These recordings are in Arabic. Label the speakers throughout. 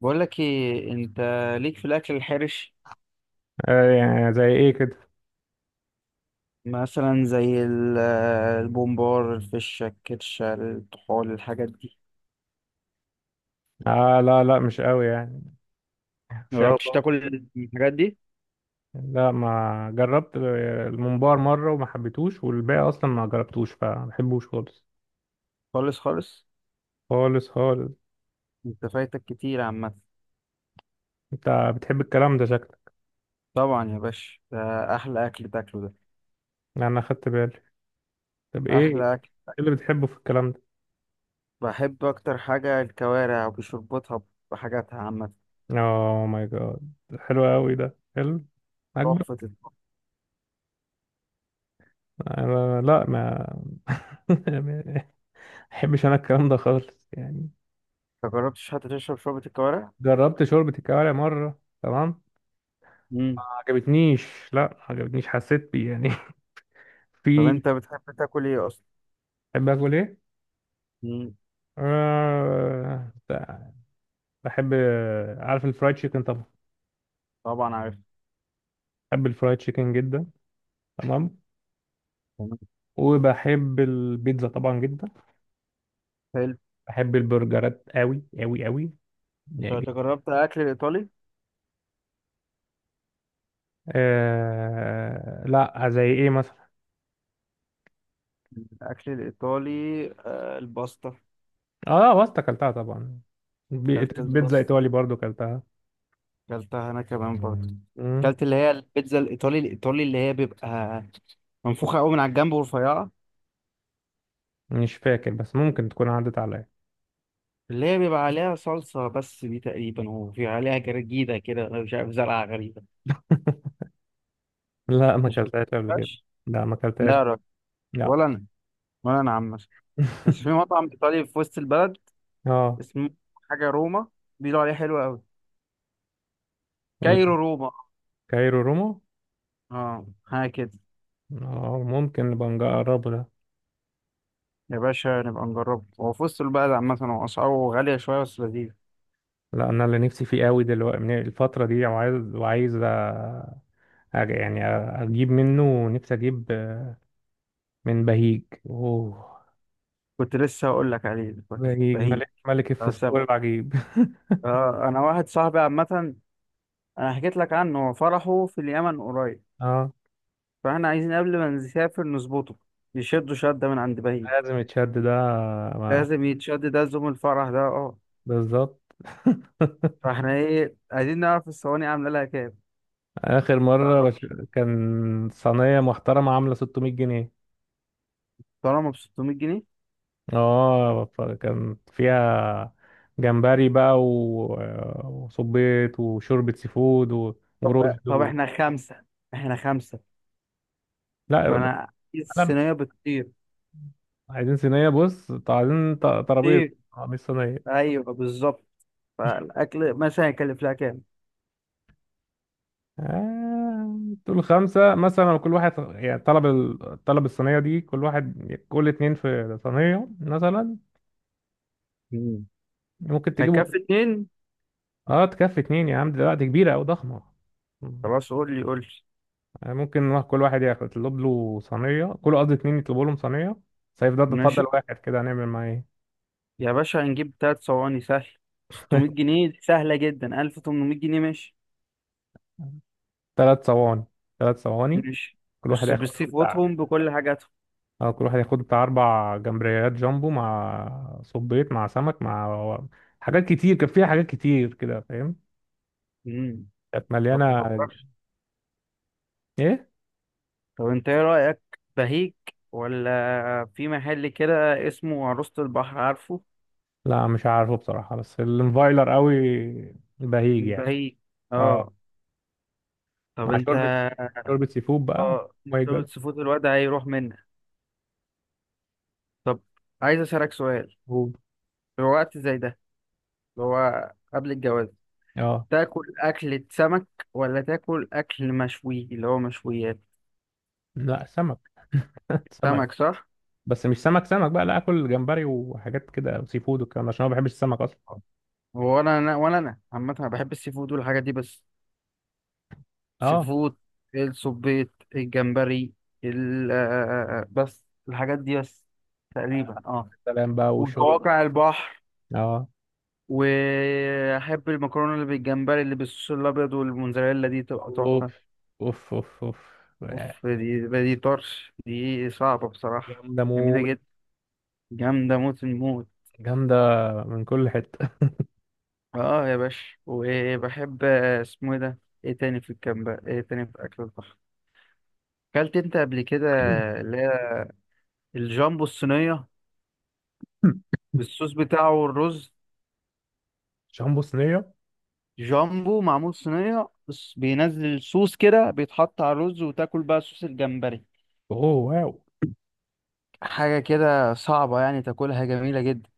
Speaker 1: بقول لك ايه؟ انت ليك في الاكل الحرش؟
Speaker 2: آه، يعني زي ايه كده.
Speaker 1: مثلا زي البومبار، الفشه، الكرشه، الطحال، الحاجات دي.
Speaker 2: آه، لا لا، مش قوي يعني. مش قوي
Speaker 1: مجربتش
Speaker 2: برضه.
Speaker 1: تاكل الحاجات دي؟
Speaker 2: لا، ما جربت الممبار مرة وما حبيتهوش، والباقي اصلا ما جربتوش فما بحبوش خالص.
Speaker 1: خالص خالص.
Speaker 2: خالص خالص.
Speaker 1: انت فايتك كتير عامه.
Speaker 2: انت بتحب الكلام ده شكلك؟
Speaker 1: طبعا يا باشا، ده احلى اكل تاكله ده،
Speaker 2: يعني انا خدت بالي. طب ايه
Speaker 1: احلى اكل.
Speaker 2: اللي بتحبه في الكلام ده؟
Speaker 1: بحب اكتر حاجه الكوارع وبشربتها، بحاجاتها عامه.
Speaker 2: اوه ماي جاد، حلو قوي ده، حلو اكبر.
Speaker 1: تحفه الطعم.
Speaker 2: أنا لا، ما ما بحبش انا الكلام ده خالص يعني.
Speaker 1: انت جربتش حتى تشرب شوربه الكوارع؟
Speaker 2: جربت شوربة الكوارع مرة، تمام؟ ما
Speaker 1: مم.
Speaker 2: عجبتنيش. لا، ما عجبتنيش، حسيت بيه يعني.
Speaker 1: طب
Speaker 2: في
Speaker 1: انت بتحب تاكل ايه اصلا؟
Speaker 2: بحب اكل ايه؟
Speaker 1: مم،
Speaker 2: آه... بحب، عارف الفرايد تشيكن طبعا؟
Speaker 1: طبعا عارف.
Speaker 2: بحب الفرايد تشيكن جدا، تمام. وبحب البيتزا طبعا جدا.
Speaker 1: حلو.
Speaker 2: بحب البرجرات قوي قوي قوي، يعني
Speaker 1: طب
Speaker 2: جداً.
Speaker 1: أنت جربت اكل الايطالي؟
Speaker 2: لا، زي ايه مثلا؟
Speaker 1: الأكل الإيطالي، الباستا.
Speaker 2: اه، باستا اكلتها طبعا.
Speaker 1: كلت
Speaker 2: بيتزا
Speaker 1: الباستا،
Speaker 2: ايطالي برضو اكلتها.
Speaker 1: كلتها أنا كمان برضه.
Speaker 2: مم.
Speaker 1: كلت اللي هي البيتزا الإيطالي الإيطالي، اللي هي بيبقى منفوخة أوي من على الجنب ورفيعة.
Speaker 2: مش فاكر، بس ممكن تكون عدت عليا.
Speaker 1: اللي هي بيبقى عليها صلصة بس دي تقريبا، وفي عليها جرجيدة كده، أنا مش عارف زرعة غريبة.
Speaker 2: لا، ما
Speaker 1: مش
Speaker 2: اكلتهاش قبل كده.
Speaker 1: بتعرفش؟
Speaker 2: لا، ما
Speaker 1: لا
Speaker 2: اكلتهاش.
Speaker 1: يا راجل.
Speaker 2: لا.
Speaker 1: ولا أنا، ولا أنا. بس في مطعم إيطالي في وسط البلد
Speaker 2: اه،
Speaker 1: اسمه حاجة روما، بيقولوا عليه حلو أوي. كايرو روما،
Speaker 2: كايرو روما.
Speaker 1: اه حاجة كده.
Speaker 2: اه، ممكن نبقى نجربه ده.
Speaker 1: يا باشا نبقى نجربه، هو في وسط البلد عامة، هو أسعاره غالية شوية بس لذيذ.
Speaker 2: لا، انا اللي نفسي فيه قوي دلوقتي من الفتره دي، وعايز يعني اجيب منه، نفسي اجيب من بهيج. اوه،
Speaker 1: كنت لسه هقول لك عليه، دلوقتي
Speaker 2: بهيج،
Speaker 1: رهيب،
Speaker 2: ملك
Speaker 1: بتاع
Speaker 2: الفسفور
Speaker 1: السمك.
Speaker 2: العجيب.
Speaker 1: آه، أنا واحد صاحبي عامة، أنا حكيت لك عنه، هو فرحه في اليمن قريب،
Speaker 2: اه،
Speaker 1: فإحنا عايزين قبل ما نسافر نظبطه، يشدوا شدة من عند بهيج.
Speaker 2: لازم يتشد ده. ما-
Speaker 1: لازم يتشد ده، زوم الفرح ده، أه.
Speaker 2: بالظبط.
Speaker 1: فإحنا إيه عايزين نعرف الصواني عاملة لها كام،
Speaker 2: اخر مره
Speaker 1: تعرفش؟
Speaker 2: كان صينيه محترمه، عامله 600 جنيه.
Speaker 1: طالما ب 600 جنيه.
Speaker 2: اه، فكان فيها جمبري بقى وصبيط وشوربة سي فود
Speaker 1: طب
Speaker 2: ورز
Speaker 1: طب إحنا خمسة، إحنا خمسة.
Speaker 2: لا،
Speaker 1: فأنا عايز
Speaker 2: انا
Speaker 1: الصينية بتطير.
Speaker 2: عايزين صينية. بص، طب عايزين ترابيزة،
Speaker 1: طير،
Speaker 2: آه، مش صينية.
Speaker 1: أيوه بالظبط. فالاكل مثلا هيكلف لها كام؟
Speaker 2: آه... دول خمسة مثلا، كل واحد يعني طلب الصينية دي، كل واحد، كل اتنين في صينية مثلا.
Speaker 1: مم.
Speaker 2: ممكن تجيبوا؟
Speaker 1: هيكفي اتنين؟
Speaker 2: اه، تكفي اتنين يا عم، دلوقتي كبيرة أو ضخمة.
Speaker 1: خلاص، قول لي.
Speaker 2: يعني ممكن كل واحد يطلب له صينية، كل قصدي اتنين يطلبوا لهم صينية سيف. ده تفضل
Speaker 1: ماشي
Speaker 2: واحد كده، هنعمل معاه ايه؟
Speaker 1: يا باشا، هنجيب تلات صواني سهل. 600 جنيه سهلة جدا، 1800 جنيه. ماشي
Speaker 2: تلات صواني. تلات صواني،
Speaker 1: ماشي
Speaker 2: كل واحد
Speaker 1: بس
Speaker 2: ياخد له
Speaker 1: بالسي
Speaker 2: بتاع.
Speaker 1: فودهم بكل حاجاتهم.
Speaker 2: اه، كل واحد ياخد بتاع، أربع جمبريات جامبو مع صبيط مع سمك مع حاجات كتير. كان فيها حاجات كتير كده، فاهم؟
Speaker 1: مم.
Speaker 2: كانت
Speaker 1: طب
Speaker 2: مليانة.
Speaker 1: فكرت؟
Speaker 2: ايه؟
Speaker 1: طب انت ايه رأيك، بهيك ولا في محل كده اسمه عروسة البحر، عارفه؟
Speaker 2: لا مش عارفه بصراحة، بس الانفايلر قوي بهيج يعني.
Speaker 1: بهيك،
Speaker 2: اه،
Speaker 1: اه. طب
Speaker 2: مع
Speaker 1: انت،
Speaker 2: شوربة سي فود بقى.
Speaker 1: اه.
Speaker 2: ماي
Speaker 1: شوربة
Speaker 2: جاد.
Speaker 1: سيفود الواد هيروح منك. طب عايز اسألك سؤال، في وقت زي ده اللي هو قبل الجواز،
Speaker 2: اه.
Speaker 1: تاكل أكلة سمك ولا تاكل أكل مشوي اللي هو مشويات؟
Speaker 2: لا، سمك. سمك.
Speaker 1: سمك، صح؟
Speaker 2: بس مش سمك سمك بقى، لا، اكل جمبري وحاجات كده وسي فود والكلام ده، عشان انا ما بحبش السمك اصلا.
Speaker 1: هو أنا ولا أنا عامة، أنا بحب السي فود والحاجات دي بس. سي
Speaker 2: اه،
Speaker 1: فود، السبيط، الجمبري، ال آه، بس الحاجات دي بس تقريبا، اه.
Speaker 2: سلام بقى وشرب.
Speaker 1: وقواقع البحر.
Speaker 2: اه،
Speaker 1: وأحب المكرونة اللي بالجمبري اللي بالصوص الأبيض والموزاريلا، دي تبقى
Speaker 2: اوف
Speaker 1: تحفة.
Speaker 2: اوف اوف. اوف،
Speaker 1: أوف، دي طرش، دي صعبة بصراحة.
Speaker 2: جامده
Speaker 1: جميلة
Speaker 2: موت.
Speaker 1: جدا، جامدة موت الموت.
Speaker 2: جامده من كل حته.
Speaker 1: اه يا باشا، وبحب آه، اسمه ايه ده، ايه تاني في الكامب، ايه تاني في اكل البحر؟ اكلت انت قبل كده اللي هي الجامبو الصينيه بالصوص بتاعه والرز؟
Speaker 2: شامبو صينيه.
Speaker 1: جامبو معمول صينيه، بس بينزل الصوص كده، بيتحط على الرز وتاكل بقى صوص الجمبري.
Speaker 2: اوه واو.
Speaker 1: حاجه كده صعبه يعني تاكلها، جميله جدا.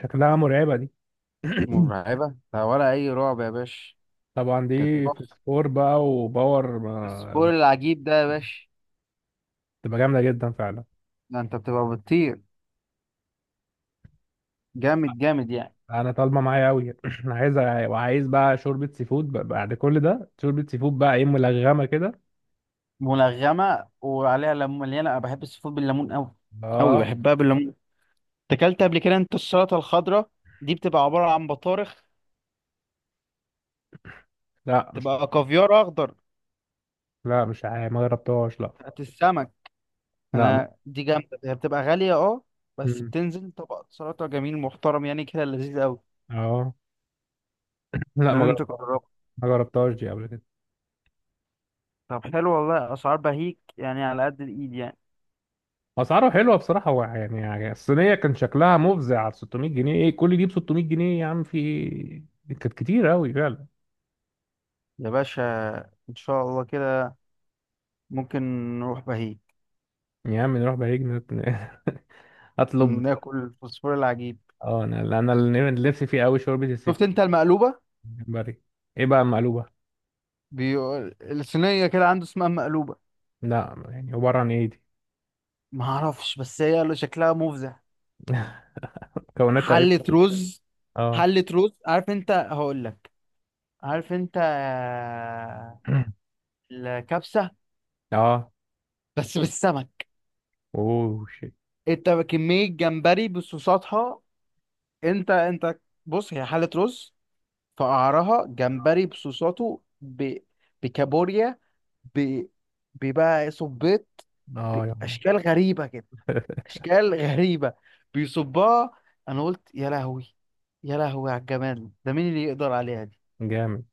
Speaker 2: شكلها مرعبه دي.
Speaker 1: مرعبه؟ لا، ولا اي رعب يا باشا.
Speaker 2: طبعا
Speaker 1: كانت
Speaker 2: دي في
Speaker 1: تحفه،
Speaker 2: سكور بقى وباور
Speaker 1: بس فوق العجيب ده يا باشا.
Speaker 2: تبقى جامده جدا فعلا.
Speaker 1: ده انت بتبقى بتطير، جامد يعني.
Speaker 2: انا طالبه معايا قوي. انا عايز، وعايز بقى شوربه سي فود بعد كل ده شوربه سي فود بقى، ايه ملغمه كده.
Speaker 1: ملغمه، وعليها ليمون مليانه، انا بحب السي فود بالليمون قوي قوي،
Speaker 2: اه.
Speaker 1: بحبها بالليمون. اكلت قبل كده انت السلطه الخضراء؟ دي بتبقى عباره عن بطارخ،
Speaker 2: لا مش،
Speaker 1: تبقى كافيار اخضر،
Speaker 2: لا مش عارف، ما جربتهاش لا.
Speaker 1: بتاعت السمك.
Speaker 2: لا ما...
Speaker 1: انا دي جامده، هي بتبقى غاليه اه، بس
Speaker 2: مم.
Speaker 1: بتنزل طبق سلطه جميل محترم يعني كده، لذيذ قوي.
Speaker 2: اه، لا ما
Speaker 1: لازم
Speaker 2: جربتهاش،
Speaker 1: تجربه.
Speaker 2: ما جربتهاش دي قبل كده.
Speaker 1: طب حلو والله، اسعار بهيك يعني على قد الايد يعني.
Speaker 2: اسعاره حلوه بصراحه، هو يعني يعني الصينيه كان شكلها مفزع على 600 جنيه. ايه كل دي ب 600 جنيه يا عم؟ في ايه؟ كانت كتير قوي فعلا.
Speaker 1: يا باشا ان شاء الله كده ممكن نروح بهيك،
Speaker 2: يا عم نروح بهيج اطلب.
Speaker 1: ناكل فوسفور العجيب.
Speaker 2: اه، انا انا اللي نفسي فيه قوي شوربه السي
Speaker 1: شفت
Speaker 2: فود.
Speaker 1: انت المقلوبه؟
Speaker 2: جمبري. ايه بقى مقلوبه؟
Speaker 1: بيقول الصينية كده عنده اسمها مقلوبة.
Speaker 2: لا يعني عباره عن ايه دي؟
Speaker 1: ما اعرفش، بس هي اللي شكلها مفزع.
Speaker 2: مكوناتها ايه؟
Speaker 1: حلة رز،
Speaker 2: اه.
Speaker 1: حلة رز. عارف انت، هقول لك. عارف انت الكبسة؟
Speaker 2: اه.
Speaker 1: بس بالسمك.
Speaker 2: اوه شيت.
Speaker 1: انت كمية جمبري بصوصاتها. انت بص، هي حلة رز، في قعرها جمبري بصوصاته بكابوريا، ب... ببقى صبيط،
Speaker 2: اه يا عم.
Speaker 1: بأشكال غريبة كده، اشكال غريبه. بيصبها، انا قلت يا لهوي، يا لهوي على الجمال ده، مين اللي يقدر عليها دي.
Speaker 2: جامد.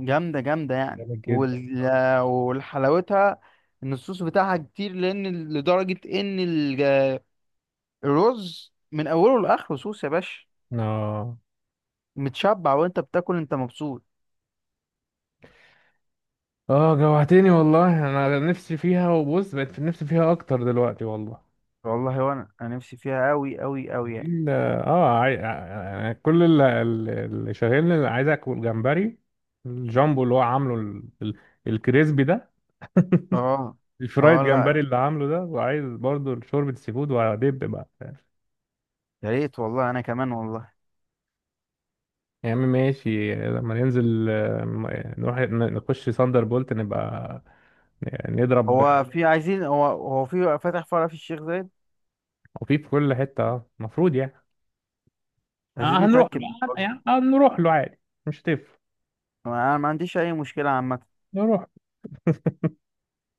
Speaker 1: جامده يعني،
Speaker 2: جامد جدا.
Speaker 1: والحلاوتها ان الصوص بتاعها كتير، لان لدرجه ان الرز من اوله لاخره صوص يا باشا.
Speaker 2: اه.
Speaker 1: متشبع وانت بتاكل، انت مبسوط.
Speaker 2: اه، جوعتني والله، انا نفسي فيها. وبص بقت في نفسي فيها اكتر دلوقتي والله.
Speaker 1: والله وانا، انا نفسي فيها قوي قوي قوي يعني.
Speaker 2: ال- اه آه، يعني كل اللي، اللي شاغلني اللي عايز اكل جمبري، الجامبو اللي هو عامله الكريسبي ده،
Speaker 1: اه،
Speaker 2: الفرايد
Speaker 1: اه لا.
Speaker 2: جمبري اللي عامله ده. وعايز برضو شوربة سي فود، وهدب بقى.
Speaker 1: يا ريت والله انا كمان والله.
Speaker 2: يا عم ماشي، لما ننزل آه، نروح نخش ساندر بولت، نبقى نضرب
Speaker 1: هو في عايزين، هو في فتح فرع في الشيخ زايد،
Speaker 2: خفيف في كل حتة المفروض يعني.
Speaker 1: عايزين
Speaker 2: آه، هنروح له.
Speaker 1: نتاكد.
Speaker 2: آه، يعني هنروح له عادي، مش هتفرق.
Speaker 1: انا ما عنديش اي مشكله عامه.
Speaker 2: نروح،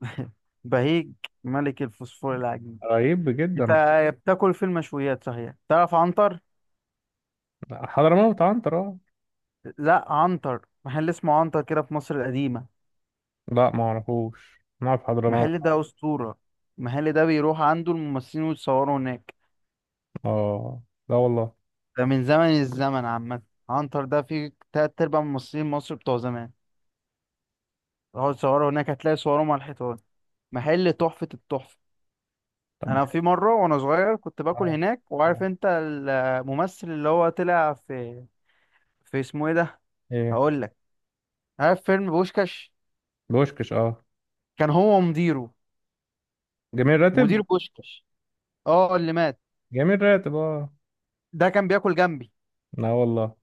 Speaker 1: بهيج، ملك الفوسفور العجيب.
Speaker 2: قريب
Speaker 1: انت
Speaker 2: جدا.
Speaker 1: بتاكل في المشويات صحيح، تعرف عنتر؟
Speaker 2: حضرموت عنتر، اه.
Speaker 1: لا، عنتر محل اسمه عنتر كده في مصر القديمه.
Speaker 2: لا ما اعرفوش، نعرف حضرموت.
Speaker 1: المحل ده اسطوره، المحل ده بيروح عنده الممثلين ويتصوروا هناك.
Speaker 2: اه. لا والله.
Speaker 1: ده من زمن الزمن عامه، عنتر ده فيه تلات ارباع ممثلين مصر بتوع زمان راحوا يتصوروا هناك، هتلاقي صورهم على الحيطان. محل تحفه التحفه.
Speaker 2: طب
Speaker 1: انا في مره وانا صغير كنت باكل
Speaker 2: اه.
Speaker 1: هناك، وعارف
Speaker 2: اه.
Speaker 1: انت الممثل اللي هو طلع في، في اسمه ايه ده،
Speaker 2: ايه؟
Speaker 1: هقول لك. عارف فيلم بوشكاش؟
Speaker 2: بوشكش، اه.
Speaker 1: كان هو مديره،
Speaker 2: جميل راتب.
Speaker 1: مدير بوشكاش، اه اللي مات.
Speaker 2: جميل راتب، اه.
Speaker 1: ده كان بياكل جنبي،
Speaker 2: لا والله،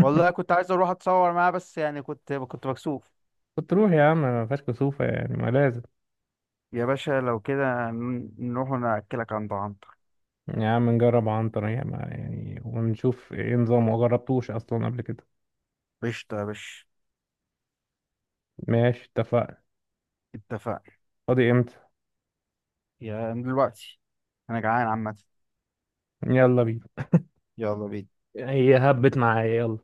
Speaker 1: والله. كنت عايز اروح اتصور معاه بس يعني، كنت مكسوف.
Speaker 2: كنت روح يا عم، ما فيهاش كسوفة يعني، ما لازم.
Speaker 1: يا باشا لو كده نروح ناكلك عند عنتر.
Speaker 2: يا عم نجرب عنتر يا ما يعني، ونشوف ايه نظامه، ما جربتوش اصلا قبل كده.
Speaker 1: قشطة يا باشا،
Speaker 2: ماشي، اتفقنا.
Speaker 1: اتفقنا.
Speaker 2: فاضي امتى؟
Speaker 1: يا من دلوقتي، انا جعان عامة.
Speaker 2: يلا بينا.
Speaker 1: يلا بينا،
Speaker 2: هي هبت معايا، يلا.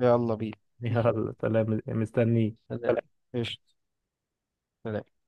Speaker 1: يلا بينا.
Speaker 2: يلا، سلام مستنيه.
Speaker 1: سلام، قشطة، سلام.